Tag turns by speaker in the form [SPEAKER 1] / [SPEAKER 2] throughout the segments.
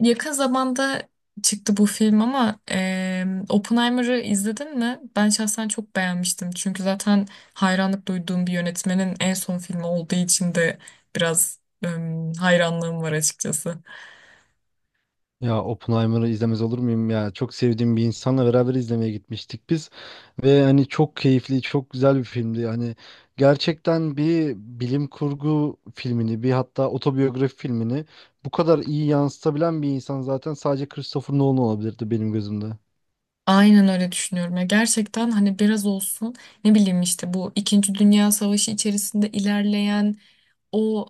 [SPEAKER 1] Yakın zamanda çıktı bu film ama Oppenheimer'ı izledin mi? Ben şahsen çok beğenmiştim. Çünkü zaten hayranlık duyduğum bir yönetmenin en son filmi olduğu için de biraz hayranlığım var açıkçası.
[SPEAKER 2] Ya Oppenheimer'ı izlemez olur muyum ya? Çok sevdiğim bir insanla beraber izlemeye gitmiştik biz. Ve hani çok keyifli, çok güzel bir filmdi. Hani gerçekten bir bilim kurgu filmini, bir hatta otobiyografi filmini bu kadar iyi yansıtabilen bir insan zaten sadece Christopher Nolan olabilirdi benim gözümde.
[SPEAKER 1] Aynen öyle düşünüyorum ya. Gerçekten hani biraz olsun ne bileyim işte bu İkinci Dünya Savaşı içerisinde ilerleyen o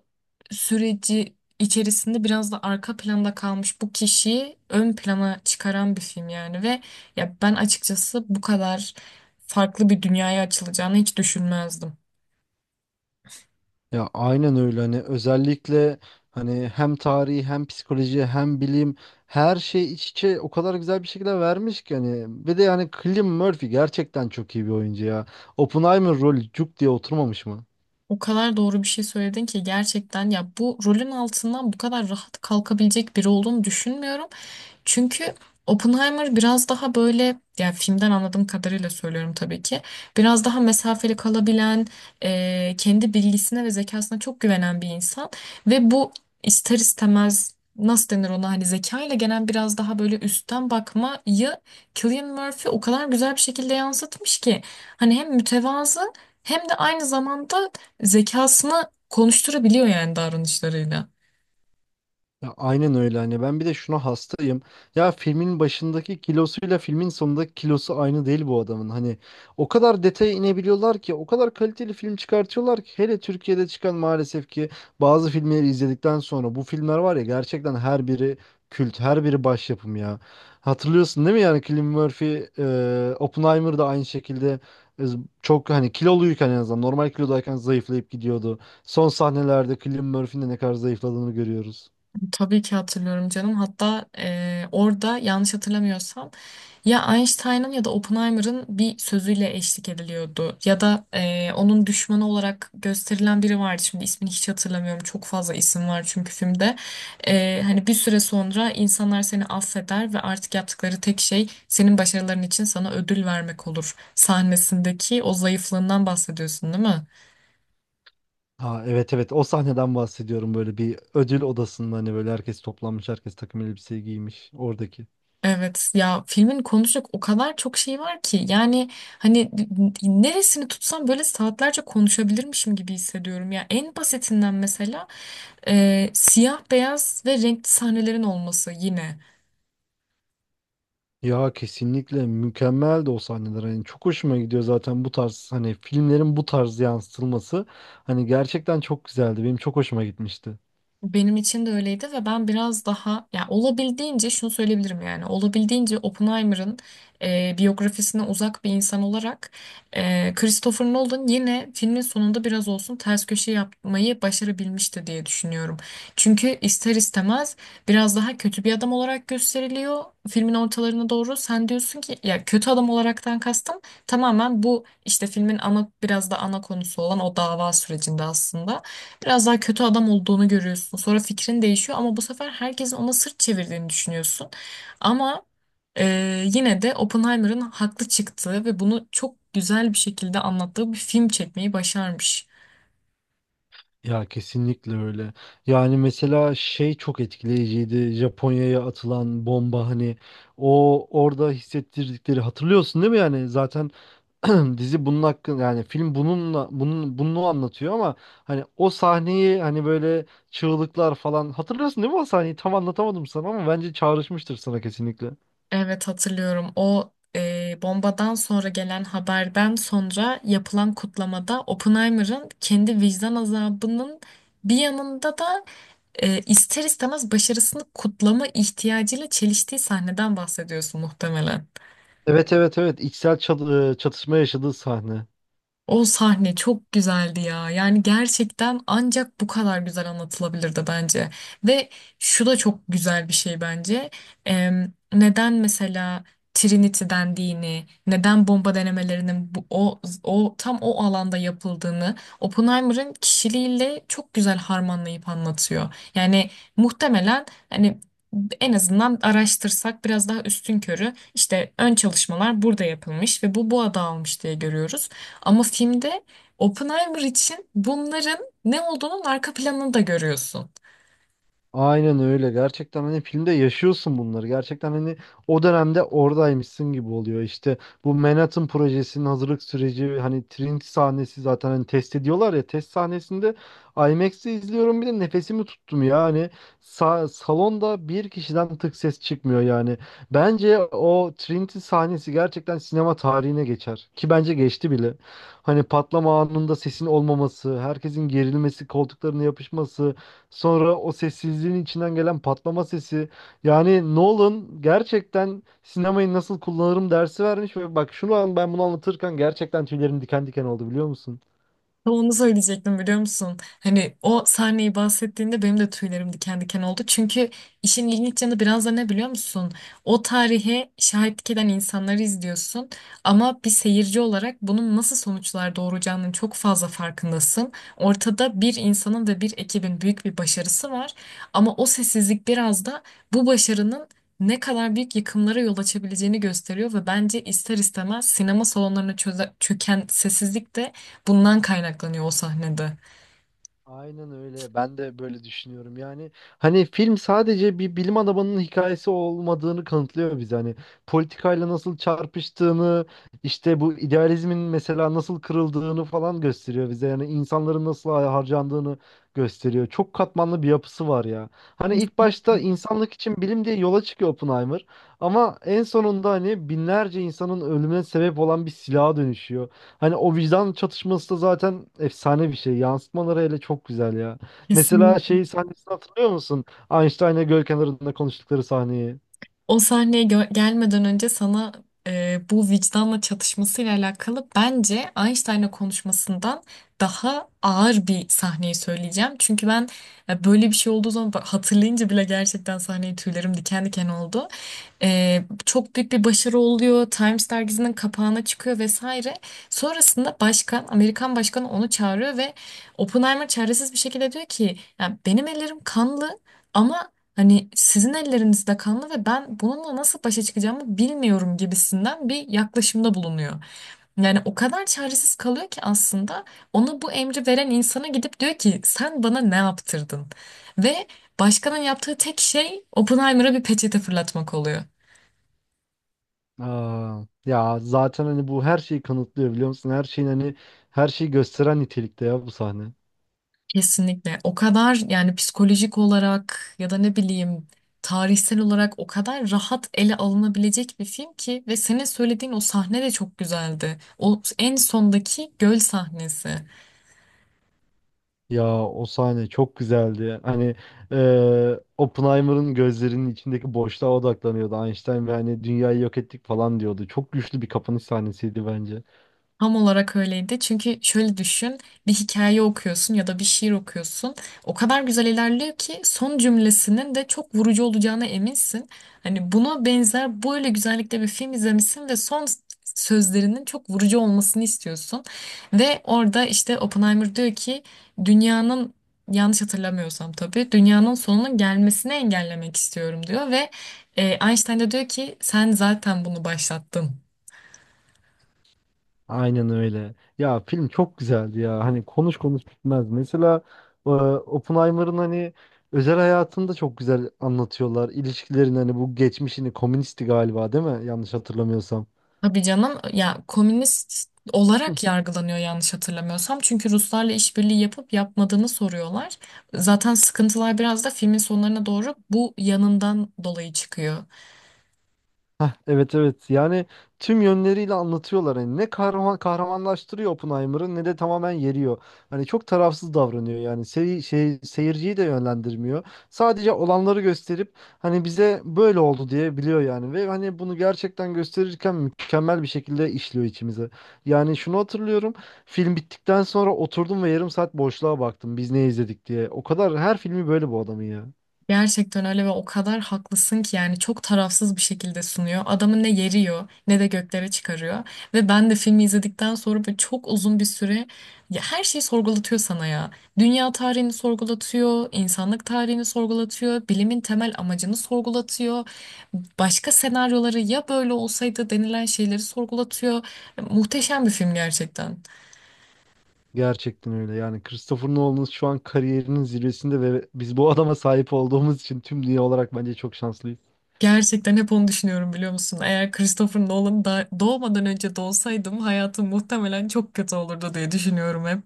[SPEAKER 1] süreci içerisinde biraz da arka planda kalmış bu kişiyi ön plana çıkaran bir film yani ve ya ben açıkçası bu kadar farklı bir dünyaya açılacağını hiç düşünmezdim.
[SPEAKER 2] Ya aynen öyle hani özellikle hani hem tarihi hem psikoloji hem bilim her şey iç içe o kadar güzel bir şekilde vermiş ki hani ve de yani Cillian Murphy gerçekten çok iyi bir oyuncu ya. Oppenheimer rolü cuk diye oturmamış mı?
[SPEAKER 1] O kadar doğru bir şey söyledin ki gerçekten ya bu rolün altından bu kadar rahat kalkabilecek biri olduğunu düşünmüyorum. Çünkü Oppenheimer biraz daha böyle, yani filmden anladığım kadarıyla söylüyorum tabii ki. Biraz daha mesafeli kalabilen, kendi bilgisine ve zekasına çok güvenen bir insan ve bu ister istemez nasıl denir ona, hani zekayla gelen biraz daha böyle üstten bakmayı Cillian Murphy o kadar güzel bir şekilde yansıtmış ki hani hem mütevazı hem de aynı zamanda zekasını konuşturabiliyor yani davranışlarıyla.
[SPEAKER 2] Ya aynen öyle hani ben bir de şuna hastayım. Ya filmin başındaki kilosuyla filmin sonundaki kilosu aynı değil bu adamın. Hani o kadar detaya inebiliyorlar ki o kadar kaliteli film çıkartıyorlar ki hele Türkiye'de çıkan maalesef ki bazı filmleri izledikten sonra bu filmler var ya gerçekten her biri kült, her biri başyapım ya. Hatırlıyorsun değil mi yani Cillian Murphy, Oppenheimer da aynı şekilde e, çok hani kiloluyken en azından normal kilodayken zayıflayıp gidiyordu. Son sahnelerde Cillian Murphy'nin de ne kadar zayıfladığını görüyoruz.
[SPEAKER 1] Tabii ki hatırlıyorum canım. Hatta orada yanlış hatırlamıyorsam ya Einstein'ın ya da Oppenheimer'ın bir sözüyle eşlik ediliyordu. Ya da onun düşmanı olarak gösterilen biri vardı. Şimdi ismini hiç hatırlamıyorum. Çok fazla isim var çünkü filmde. Hani bir süre sonra insanlar seni affeder ve artık yaptıkları tek şey senin başarıların için sana ödül vermek olur. Sahnesindeki o zayıflığından bahsediyorsun, değil mi?
[SPEAKER 2] Ha, evet, evet, o sahneden bahsediyorum, böyle bir ödül odasında hani böyle herkes toplanmış, herkes takım elbiseyi giymiş oradaki.
[SPEAKER 1] Evet ya filmin konuşacak o kadar çok şey var ki yani hani neresini tutsam böyle saatlerce konuşabilirmişim gibi hissediyorum. Ya en basitinden mesela siyah beyaz ve renkli sahnelerin olması yine.
[SPEAKER 2] Ya kesinlikle mükemmeldi o sahneler, hani çok hoşuma gidiyor zaten bu tarz, hani filmlerin bu tarz yansıtılması hani gerçekten çok güzeldi, benim çok hoşuma gitmişti.
[SPEAKER 1] Benim için de öyleydi ve ben biraz daha ya olabildiğince şunu söyleyebilirim, yani olabildiğince Oppenheimer'ın biyografisine uzak bir insan olarak Christopher Nolan yine filmin sonunda biraz olsun ters köşe yapmayı başarabilmişti diye düşünüyorum. Çünkü ister istemez biraz daha kötü bir adam olarak gösteriliyor filmin ortalarına doğru. Sen diyorsun ki ya, kötü adam olaraktan kastım tamamen bu işte filmin ana, biraz da ana konusu olan o dava sürecinde aslında. Biraz daha kötü adam olduğunu görüyorsun. Sonra fikrin değişiyor ama bu sefer herkesin ona sırt çevirdiğini düşünüyorsun. Ama yine de Oppenheimer'ın haklı çıktığı ve bunu çok güzel bir şekilde anlattığı bir film çekmeyi başarmış.
[SPEAKER 2] Ya kesinlikle öyle. Yani mesela şey çok etkileyiciydi, Japonya'ya atılan bomba, hani o orada hissettirdikleri, hatırlıyorsun değil mi yani zaten dizi bunun hakkında, yani film bununla bunun bunu anlatıyor, ama hani o sahneyi, hani böyle çığlıklar falan hatırlıyorsun değil mi o sahneyi? Tam anlatamadım sana ama bence çağrışmıştır sana kesinlikle.
[SPEAKER 1] Evet, hatırlıyorum. O bombadan sonra gelen haberden sonra yapılan kutlamada Oppenheimer'ın kendi vicdan azabının bir yanında da ister istemez başarısını kutlama ihtiyacıyla çeliştiği sahneden bahsediyorsun muhtemelen.
[SPEAKER 2] Evet, evet, evet, içsel çatışma yaşadığı sahne.
[SPEAKER 1] O sahne çok güzeldi ya. Yani gerçekten ancak bu kadar güzel anlatılabilirdi bence. Ve şu da çok güzel bir şey bence. Neden mesela Trinity dendiğini, neden bomba denemelerinin o tam o alanda yapıldığını Oppenheimer'ın kişiliğiyle çok güzel harmanlayıp anlatıyor. Yani muhtemelen hani en azından araştırsak biraz daha üstünkörü işte ön çalışmalar burada yapılmış ve bu adı almış diye görüyoruz. Ama filmde Oppenheimer için bunların ne olduğunun arka planını da görüyorsun.
[SPEAKER 2] Aynen öyle. Gerçekten hani filmde yaşıyorsun bunları. Gerçekten hani o dönemde oradaymışsın gibi oluyor. İşte bu Manhattan projesinin hazırlık süreci, hani Trinity sahnesi, zaten hani test ediyorlar ya, test sahnesinde IMAX'te izliyorum bir de, nefesimi tuttum ya. Hani salonda bir kişiden tık ses çıkmıyor yani. Bence o Trinity sahnesi gerçekten sinema tarihine geçer. Ki bence geçti bile. Hani patlama anında sesin olmaması, herkesin gerilmesi, koltuklarına yapışması, sonra o sessizliğin içinden gelen patlama sesi. Yani Nolan gerçekten sinemayı nasıl kullanırım dersi vermiş ve bak şu an ben bunu anlatırken gerçekten tüylerim diken diken oldu, biliyor musun?
[SPEAKER 1] Tam onu söyleyecektim, biliyor musun? Hani o sahneyi bahsettiğinde benim de tüylerim diken diken oldu. Çünkü işin ilginç yanı biraz da ne, biliyor musun? O tarihe şahitlik eden insanları izliyorsun. Ama bir seyirci olarak bunun nasıl sonuçlar doğuracağının çok fazla farkındasın. Ortada bir insanın ve bir ekibin büyük bir başarısı var. Ama o sessizlik biraz da bu başarının ne kadar büyük yıkımlara yol açabileceğini gösteriyor ve bence ister istemez sinema salonlarına çöken sessizlik de bundan kaynaklanıyor o sahnede.
[SPEAKER 2] Aynen öyle. Ben de böyle düşünüyorum. Yani hani film sadece bir bilim adamının hikayesi olmadığını kanıtlıyor bize. Hani politikayla nasıl çarpıştığını, işte bu idealizmin mesela nasıl kırıldığını falan gösteriyor bize. Yani insanların nasıl harcandığını gösteriyor. Çok katmanlı bir yapısı var ya. Hani ilk
[SPEAKER 1] Kesin.
[SPEAKER 2] başta insanlık için bilim diye yola çıkıyor Oppenheimer. Ama en sonunda hani binlerce insanın ölümüne sebep olan bir silaha dönüşüyor. Hani o vicdan çatışması da zaten efsane bir şey. Yansıtmaları hele çok güzel ya. Mesela
[SPEAKER 1] Kesin.
[SPEAKER 2] şeyi sahnesini hatırlıyor musun? Einstein'la göl kenarında konuştukları sahneyi.
[SPEAKER 1] O sahneye gelmeden önce sana bu vicdanla çatışmasıyla alakalı bence Einstein'la konuşmasından daha ağır bir sahneyi söyleyeceğim. Çünkü ben böyle bir şey olduğu zaman bak, hatırlayınca bile gerçekten sahneyi tüylerim diken diken oldu. Çok büyük bir başarı oluyor. Times dergisinin kapağına çıkıyor vesaire. Sonrasında başkan, Amerikan başkanı onu çağırıyor ve Oppenheimer çaresiz bir şekilde diyor ki ya, benim ellerim kanlı ama hani sizin elleriniz de kanlı ve ben bununla nasıl başa çıkacağımı bilmiyorum gibisinden bir yaklaşımda bulunuyor. Yani o kadar çaresiz kalıyor ki aslında ona bu emri veren insana gidip diyor ki sen bana ne yaptırdın? Ve başkanın yaptığı tek şey Oppenheimer'a bir peçete fırlatmak oluyor.
[SPEAKER 2] Aa, ya zaten hani bu her şeyi kanıtlıyor biliyor musun? Her şeyin hani her şeyi gösteren nitelikte ya bu sahne.
[SPEAKER 1] Kesinlikle. O kadar yani psikolojik olarak ya da ne bileyim tarihsel olarak o kadar rahat ele alınabilecek bir film ki ve senin söylediğin o sahne de çok güzeldi. O en sondaki göl sahnesi.
[SPEAKER 2] Ya o sahne çok güzeldi. Hani Oppenheimer'ın gözlerinin içindeki boşluğa odaklanıyordu Einstein ve hani dünyayı yok ettik falan diyordu. Çok güçlü bir kapanış sahnesiydi bence.
[SPEAKER 1] Tam olarak öyleydi. Çünkü şöyle düşün, bir hikaye okuyorsun ya da bir şiir okuyorsun. O kadar güzel ilerliyor ki son cümlesinin de çok vurucu olacağına eminsin. Hani buna benzer böyle güzellikte bir film izlemişsin ve son sözlerinin çok vurucu olmasını istiyorsun. Ve orada işte Oppenheimer diyor ki dünyanın, yanlış hatırlamıyorsam tabii, dünyanın sonunun gelmesini engellemek istiyorum diyor ve Einstein de diyor ki sen zaten bunu başlattın.
[SPEAKER 2] Aynen öyle. Ya film çok güzeldi ya. Hani konuş konuş bitmez. Mesela Oppenheimer'ın hani özel hayatını da çok güzel anlatıyorlar. İlişkilerin hani bu geçmişini, komünisti galiba değil mi? Yanlış hatırlamıyorsam.
[SPEAKER 1] Tabii canım, ya komünist olarak yargılanıyor yanlış hatırlamıyorsam. Çünkü Ruslarla işbirliği yapıp yapmadığını soruyorlar. Zaten sıkıntılar biraz da filmin sonlarına doğru bu yanından dolayı çıkıyor.
[SPEAKER 2] Heh, evet, evet, yani tüm yönleriyle anlatıyorlar, hani ne kahraman kahramanlaştırıyor Oppenheimer'ı ne de tamamen yeriyor. Hani çok tarafsız davranıyor, yani seri, şey seyirciyi de yönlendirmiyor. Sadece olanları gösterip hani bize böyle oldu diye biliyor yani, ve hani bunu gerçekten gösterirken mükemmel bir şekilde işliyor içimize. Yani şunu hatırlıyorum, film bittikten sonra oturdum ve yarım saat boşluğa baktım biz ne izledik diye. O kadar her filmi böyle bu adamın ya.
[SPEAKER 1] Gerçekten öyle ve o kadar haklısın ki yani çok tarafsız bir şekilde sunuyor. Adamı ne yeriyor ne de göklere çıkarıyor. Ve ben de filmi izledikten sonra böyle çok uzun bir süre ya her şeyi sorgulatıyor sana ya. Dünya tarihini sorgulatıyor, insanlık tarihini sorgulatıyor, bilimin temel amacını sorgulatıyor. Başka senaryoları, ya böyle olsaydı denilen şeyleri sorgulatıyor. Muhteşem bir film gerçekten.
[SPEAKER 2] Gerçekten öyle. Yani Christopher Nolan şu an kariyerinin zirvesinde ve biz bu adama sahip olduğumuz için tüm dünya olarak bence çok şanslıyız.
[SPEAKER 1] Gerçekten hep onu düşünüyorum, biliyor musun? Eğer Christopher Nolan da doğmadan önce doğsaydım hayatım muhtemelen çok kötü olurdu diye düşünüyorum hep.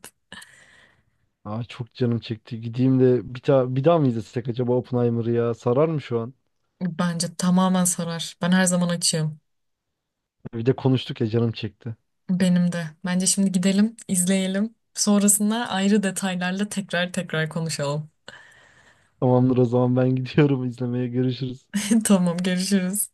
[SPEAKER 2] Aa, çok canım çekti. Gideyim de bir, bir daha mı izlesek acaba Oppenheimer'ı ya? Sarar mı şu an?
[SPEAKER 1] Bence tamamen sarar. Ben her zaman açığım.
[SPEAKER 2] Bir de konuştuk ya, canım çekti.
[SPEAKER 1] Benim de. Bence şimdi gidelim, izleyelim. Sonrasında ayrı detaylarla tekrar tekrar konuşalım.
[SPEAKER 2] Tamamdır, o zaman ben gidiyorum izlemeye. Görüşürüz.
[SPEAKER 1] Tamam, görüşürüz.